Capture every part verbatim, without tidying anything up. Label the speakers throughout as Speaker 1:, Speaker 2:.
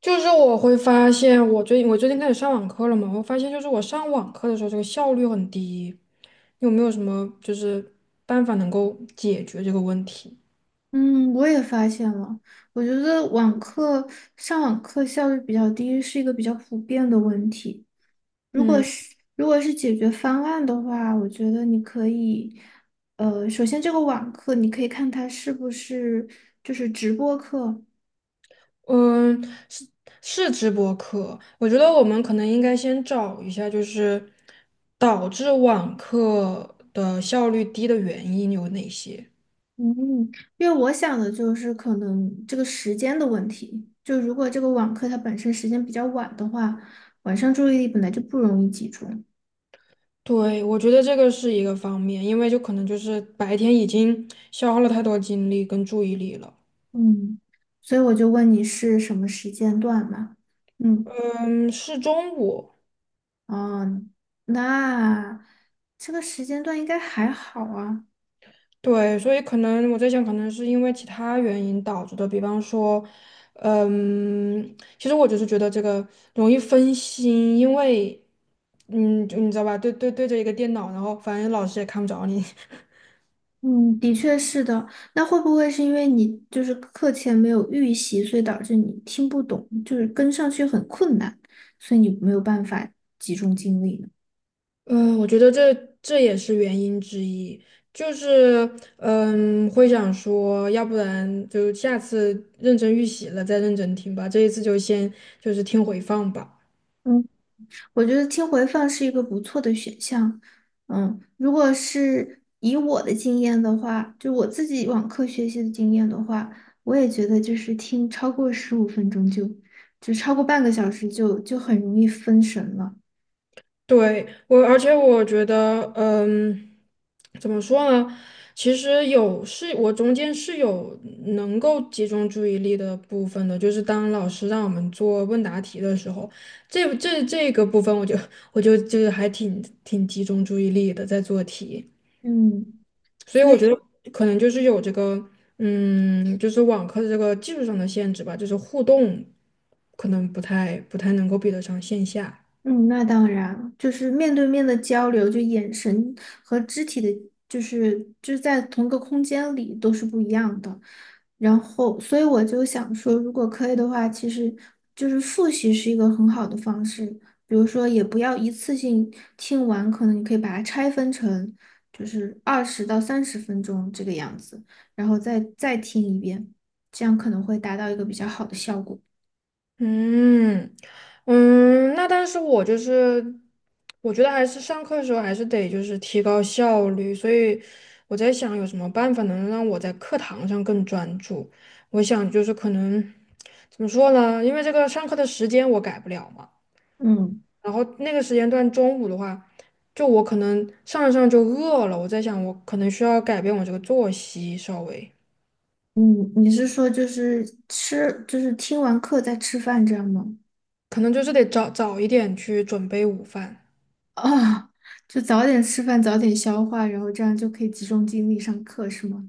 Speaker 1: 就是我会发现，我最近我最近开始上网课了嘛，我发现就是我上网课的时候，这个效率很低。有没有什么就是办法能够解决这个问题？
Speaker 2: 嗯，我也发现了，我觉得网课上网课效率比较低是一个比较普遍的问题。如果
Speaker 1: 嗯
Speaker 2: 是如果是解决方案的话，我觉得你可以，呃，首先这个网课你可以看它是不是就是直播课，
Speaker 1: 嗯，是是直播课，我觉得我们可能应该先找一下，就是导致网课的效率低的原因有哪些。
Speaker 2: 嗯，因为我想的就是可能这个时间的问题，就如果这个网课它本身时间比较晚的话，晚上注意力本来就不容易集中。
Speaker 1: 对，我觉得这个是一个方面，因为就可能就是白天已经消耗了太多精力跟注意力了。
Speaker 2: 嗯，所以我就问你是什么时间段嘛？嗯，
Speaker 1: 嗯，是中午，
Speaker 2: 哦，那这个时间段应该还好啊。
Speaker 1: 对，所以可能我在想，可能是因为其他原因导致的，比方说，嗯，其实我就是觉得这个容易分心，因为，嗯，就你知道吧，对对对着一个电脑，然后反正老师也看不着你，
Speaker 2: 嗯，的确是的。那会不会是因为你就是课前没有预习，所以导致你听不懂，就是跟上去很困难，所以你没有办法集中精力呢？
Speaker 1: 嗯，我觉得这这也是原因之一，就是嗯，会想说，要不然就下次认真预习了再认真听吧，这一次就先就是听回放吧。
Speaker 2: 嗯。我觉得听回放是一个不错的选项。嗯，如果是以我的经验的话，就我自己网课学习的经验的话，我也觉得就是听超过十五分钟就，就超过半个小时就就很容易分神了。
Speaker 1: 对，我，而且我觉得，嗯，怎么说呢？其实有是，我中间是有能够集中注意力的部分的，就是当老师让我们做问答题的时候，这这这个部分我就我就就是还挺挺集中注意力的在做题，
Speaker 2: 嗯。
Speaker 1: 所以
Speaker 2: 所
Speaker 1: 我觉
Speaker 2: 以。
Speaker 1: 得可能就是有这个，嗯，就是网课的这个技术上的限制吧，就是互动可能不太不太能够比得上线下。
Speaker 2: 嗯，那当然，就是面对面的交流，就眼神和肢体的，就是就是在同一个空间里都是不一样的。然后，所以我就想说，如果可以的话，其实就是复习是一个很好的方式。比如说，也不要一次性听完，可能你可以把它拆分成就是二十到三十分钟这个样子，然后再再听一遍，这样可能会达到一个比较好的效果。
Speaker 1: 嗯嗯，那但是我就是，我觉得还是上课的时候还是得就是提高效率，所以我在想有什么办法能让我在课堂上更专注。我想就是可能怎么说呢？因为这个上课的时间我改不了嘛，
Speaker 2: 嗯。
Speaker 1: 然后那个时间段中午的话，就我可能上着上着就饿了，我在想我可能需要改变我这个作息稍微，
Speaker 2: 嗯，你是说就是吃，就是听完课再吃饭这样吗？
Speaker 1: 可能就是得早早一点去准备午饭。
Speaker 2: 啊，就早点吃饭，早点消化，然后这样就可以集中精力上课，是吗？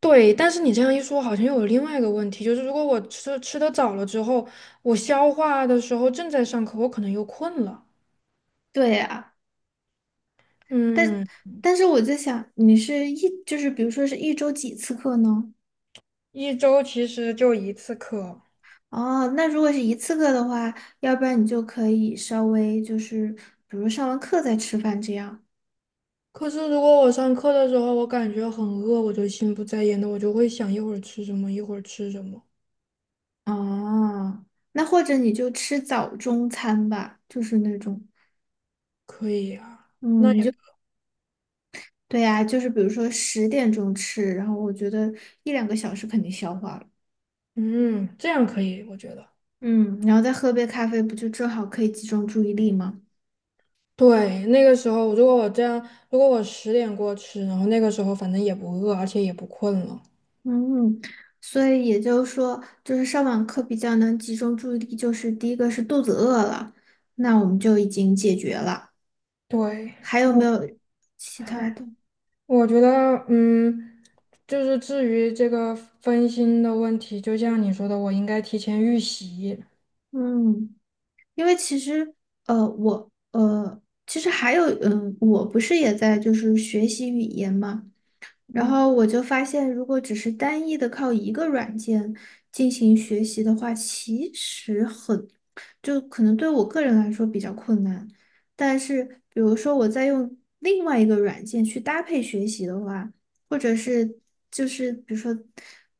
Speaker 1: 对，但是你这样一说，好像又有另外一个问题，就是如果我吃吃的早了之后，我消化的时候正在上课，我可能又困了。
Speaker 2: 对呀，但
Speaker 1: 嗯，
Speaker 2: 但是我在想，你是一就是比如说是一周几次课呢？
Speaker 1: 一周其实就一次课。
Speaker 2: 哦，那如果是一次课的话，要不然你就可以稍微就是比如上完课再吃饭这样。
Speaker 1: 可是如果我上课的时候，我感觉很饿，我就心不在焉的，我就会想一会儿吃什么，一会儿吃什么。
Speaker 2: 哦，那或者你就吃早中餐吧，就是那种。
Speaker 1: 可以啊，那
Speaker 2: 嗯，
Speaker 1: 也，
Speaker 2: 就。对呀，就是比如说十点钟吃，然后我觉得一两个小时肯定消化了，
Speaker 1: 嗯，这样可以，我觉得。
Speaker 2: 嗯，然后再喝杯咖啡，不就正好可以集中注意力吗？
Speaker 1: 对，那个时候如果我这样，如果我十点过吃，然后那个时候反正也不饿，而且也不困了。
Speaker 2: 嗯，所以也就是说，就是上网课比较能集中注意力，就是第一个是肚子饿了，那我们就已经解决了。
Speaker 1: 对。
Speaker 2: 还有没有其他的？
Speaker 1: 我觉得，嗯，就是至于这个分心的问题，就像你说的，我应该提前预习，
Speaker 2: 嗯，因为其实呃，我呃，其实还有嗯，我不是也在就是学习语言嘛。然后我就发现，如果只是单一的靠一个软件进行学习的话，其实很，就可能对我个人来说比较困难。但是，比如说我在用另外一个软件去搭配学习的话，或者是就是比如说，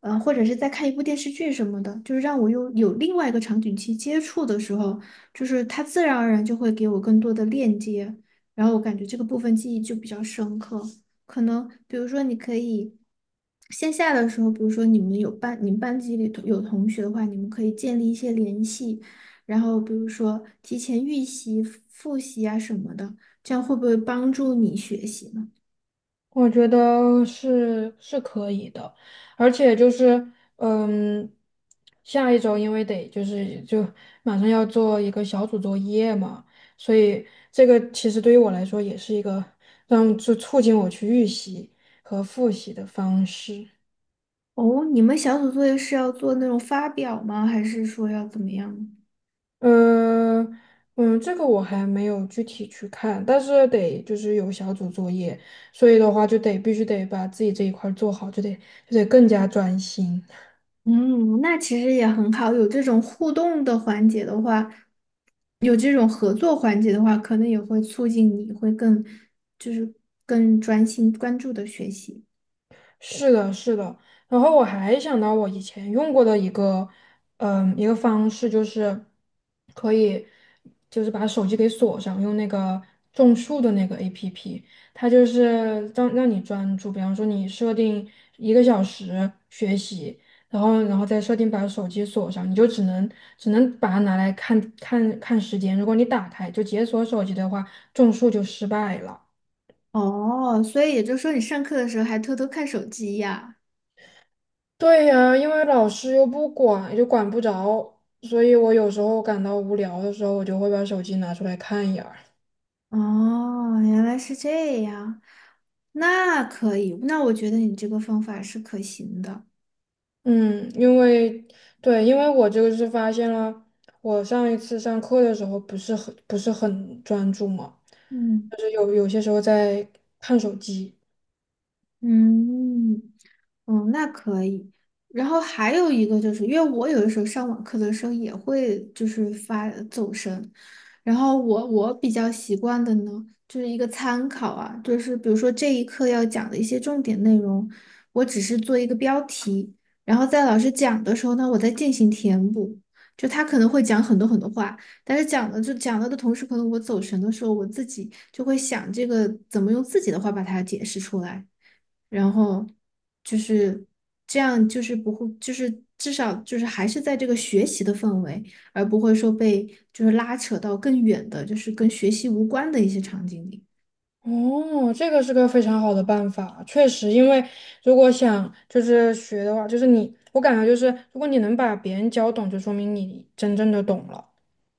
Speaker 2: 呃，或者是在看一部电视剧什么的，就是让我用有另外一个场景去接触的时候，就是它自然而然就会给我更多的链接，然后我感觉这个部分记忆就比较深刻。可能比如说你可以线下的时候，比如说你们有班，你们班级里头有同学的话，你们可以建立一些联系，然后比如说提前预习、复习啊什么的，这样会不会帮助你学习呢？
Speaker 1: 我觉得是是可以的，而且就是，嗯，下一周因为得就是就马上要做一个小组作业嘛，所以这个其实对于我来说也是一个让就促进我去预习和复习的方式。
Speaker 2: 哦，你们小组作业是要做那种发表吗？还是说要怎么样？
Speaker 1: 嗯嗯，这个我还没有具体去看，但是得就是有小组作业，所以的话就得必须得把自己这一块儿做好，就得就得更加专心。
Speaker 2: 嗯，那其实也很好，有这种互动的环节的话，有这种合作环节的话，可能也会促进你会更，就是更专心关注的学习。
Speaker 1: 是的，是的。然后我还想到我以前用过的一个，嗯，一个方式就是可以，就是把手机给锁上，用那个种树的那个 A P P，它就是让让你专注。比方说你设定一个小时学习，然后然后再设定把手机锁上，你就只能只能把它拿来看看看时间。如果你打开就解锁手机的话，种树就失败了。
Speaker 2: 哦，所以也就是说，你上课的时候还偷偷看手机呀？
Speaker 1: 对呀，因为老师又不管，就管不着，所以我有时候感到无聊的时候，我就会把手机拿出来看一眼儿。
Speaker 2: 哦，原来是这样，那可以，那我觉得你这个方法是可行的。
Speaker 1: 嗯，因为对，因为我这个是发现了，我上一次上课的时候不是很不是很专注嘛，
Speaker 2: 嗯。
Speaker 1: 就是有有些时候在看手机。
Speaker 2: 嗯，嗯，那可以。然后还有一个就是，因为我有的时候上网课的时候也会就是发走神，然后我我比较习惯的呢，就是一个参考啊，就是比如说这一课要讲的一些重点内容，我只是做一个标题，然后在老师讲的时候呢，我再进行填补。就他可能会讲很多很多话，但是讲了就讲了的同时，可能我走神的时候，我自己就会想这个怎么用自己的话把它解释出来。然后就是这样，就是不会，就是至少就是还是在这个学习的氛围，而不会说被就是拉扯到更远的，就是跟学习无关的一些场景里。
Speaker 1: 哦，这个是个非常好的办法，确实，因为如果想就是学的话，就是你，我感觉就是如果你能把别人教懂，就说明你真正的懂了。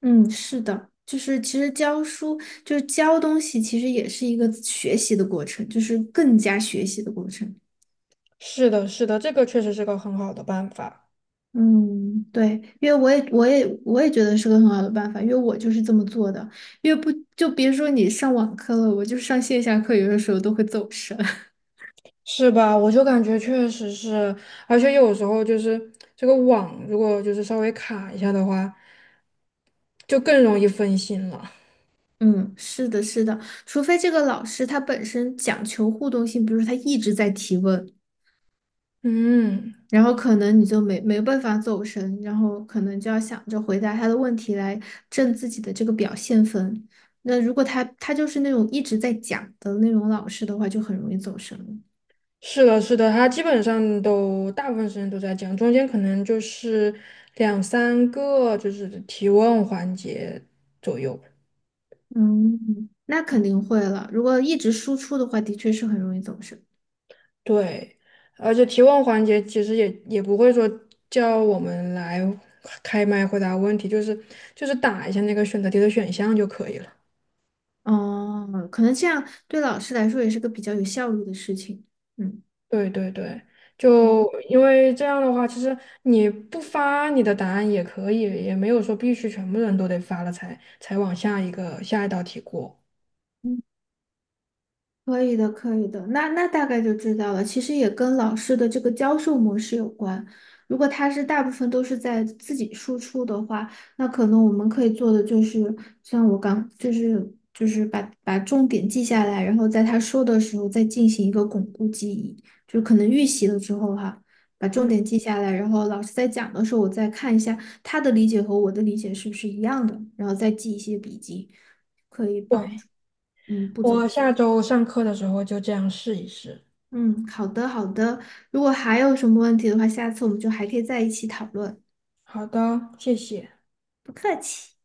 Speaker 2: 嗯，是的，就是其实教书就是教东西，其实也是一个学习的过程，就是更加学习的过程。
Speaker 1: 是的，是的，这个确实是个很好的办法，
Speaker 2: 嗯，对，因为我也我也我也觉得是个很好的办法，因为我就是这么做的。因为不就别说你上网课了，我就上线下课，有的时候都会走神。
Speaker 1: 是吧？我就感觉确实是，而且有时候就是这个网如果就是稍微卡一下的话，就更容易分心了。
Speaker 2: 嗯，是的，是的，除非这个老师他本身讲求互动性，比如说他一直在提问，
Speaker 1: 嗯，
Speaker 2: 然后可能你就没没办法走神，然后可能就要想着回答他的问题来挣自己的这个表现分。那如果他他就是那种一直在讲的那种老师的话，就很容易走神了。
Speaker 1: 是的，是的，他基本上都大部分时间都在讲，中间可能就是两三个就是提问环节，
Speaker 2: 嗯，那肯定会了。如果一直输出的话，的确是很容易走神。
Speaker 1: 对，而且提问环节其实也也不会说叫我们来开麦回答问题，就是就是打一下那个选择题的选项就可以了。
Speaker 2: 哦，可能这样对老师来说也是个比较有效率的事情。嗯
Speaker 1: 对对对，
Speaker 2: 嗯。
Speaker 1: 就因为这样的话，其实你不发你的答案也可以，也没有说必须全部人都得发了才才往下一个下一道题过。
Speaker 2: 嗯，可以的，可以的，那那大概就知道了。其实也跟老师的这个教授模式有关。如果他是大部分都是在自己输出的话，那可能我们可以做的就是，像我刚就是就是把把重点记下来，然后在他说的时候再进行一个巩固记忆，就可能预习了之后哈，把重
Speaker 1: 嗯，
Speaker 2: 点记下来，然后老师在讲的时候，我再看一下他的理解和我的理解是不是一样的，然后再记一些笔记，
Speaker 1: 对，
Speaker 2: 嗯，不走。
Speaker 1: 我下周上课的时候就这样试一试。
Speaker 2: 嗯，好的好的。如果还有什么问题的话，下次我们就还可以在一起讨论。
Speaker 1: 好的，谢谢。
Speaker 2: 不客气。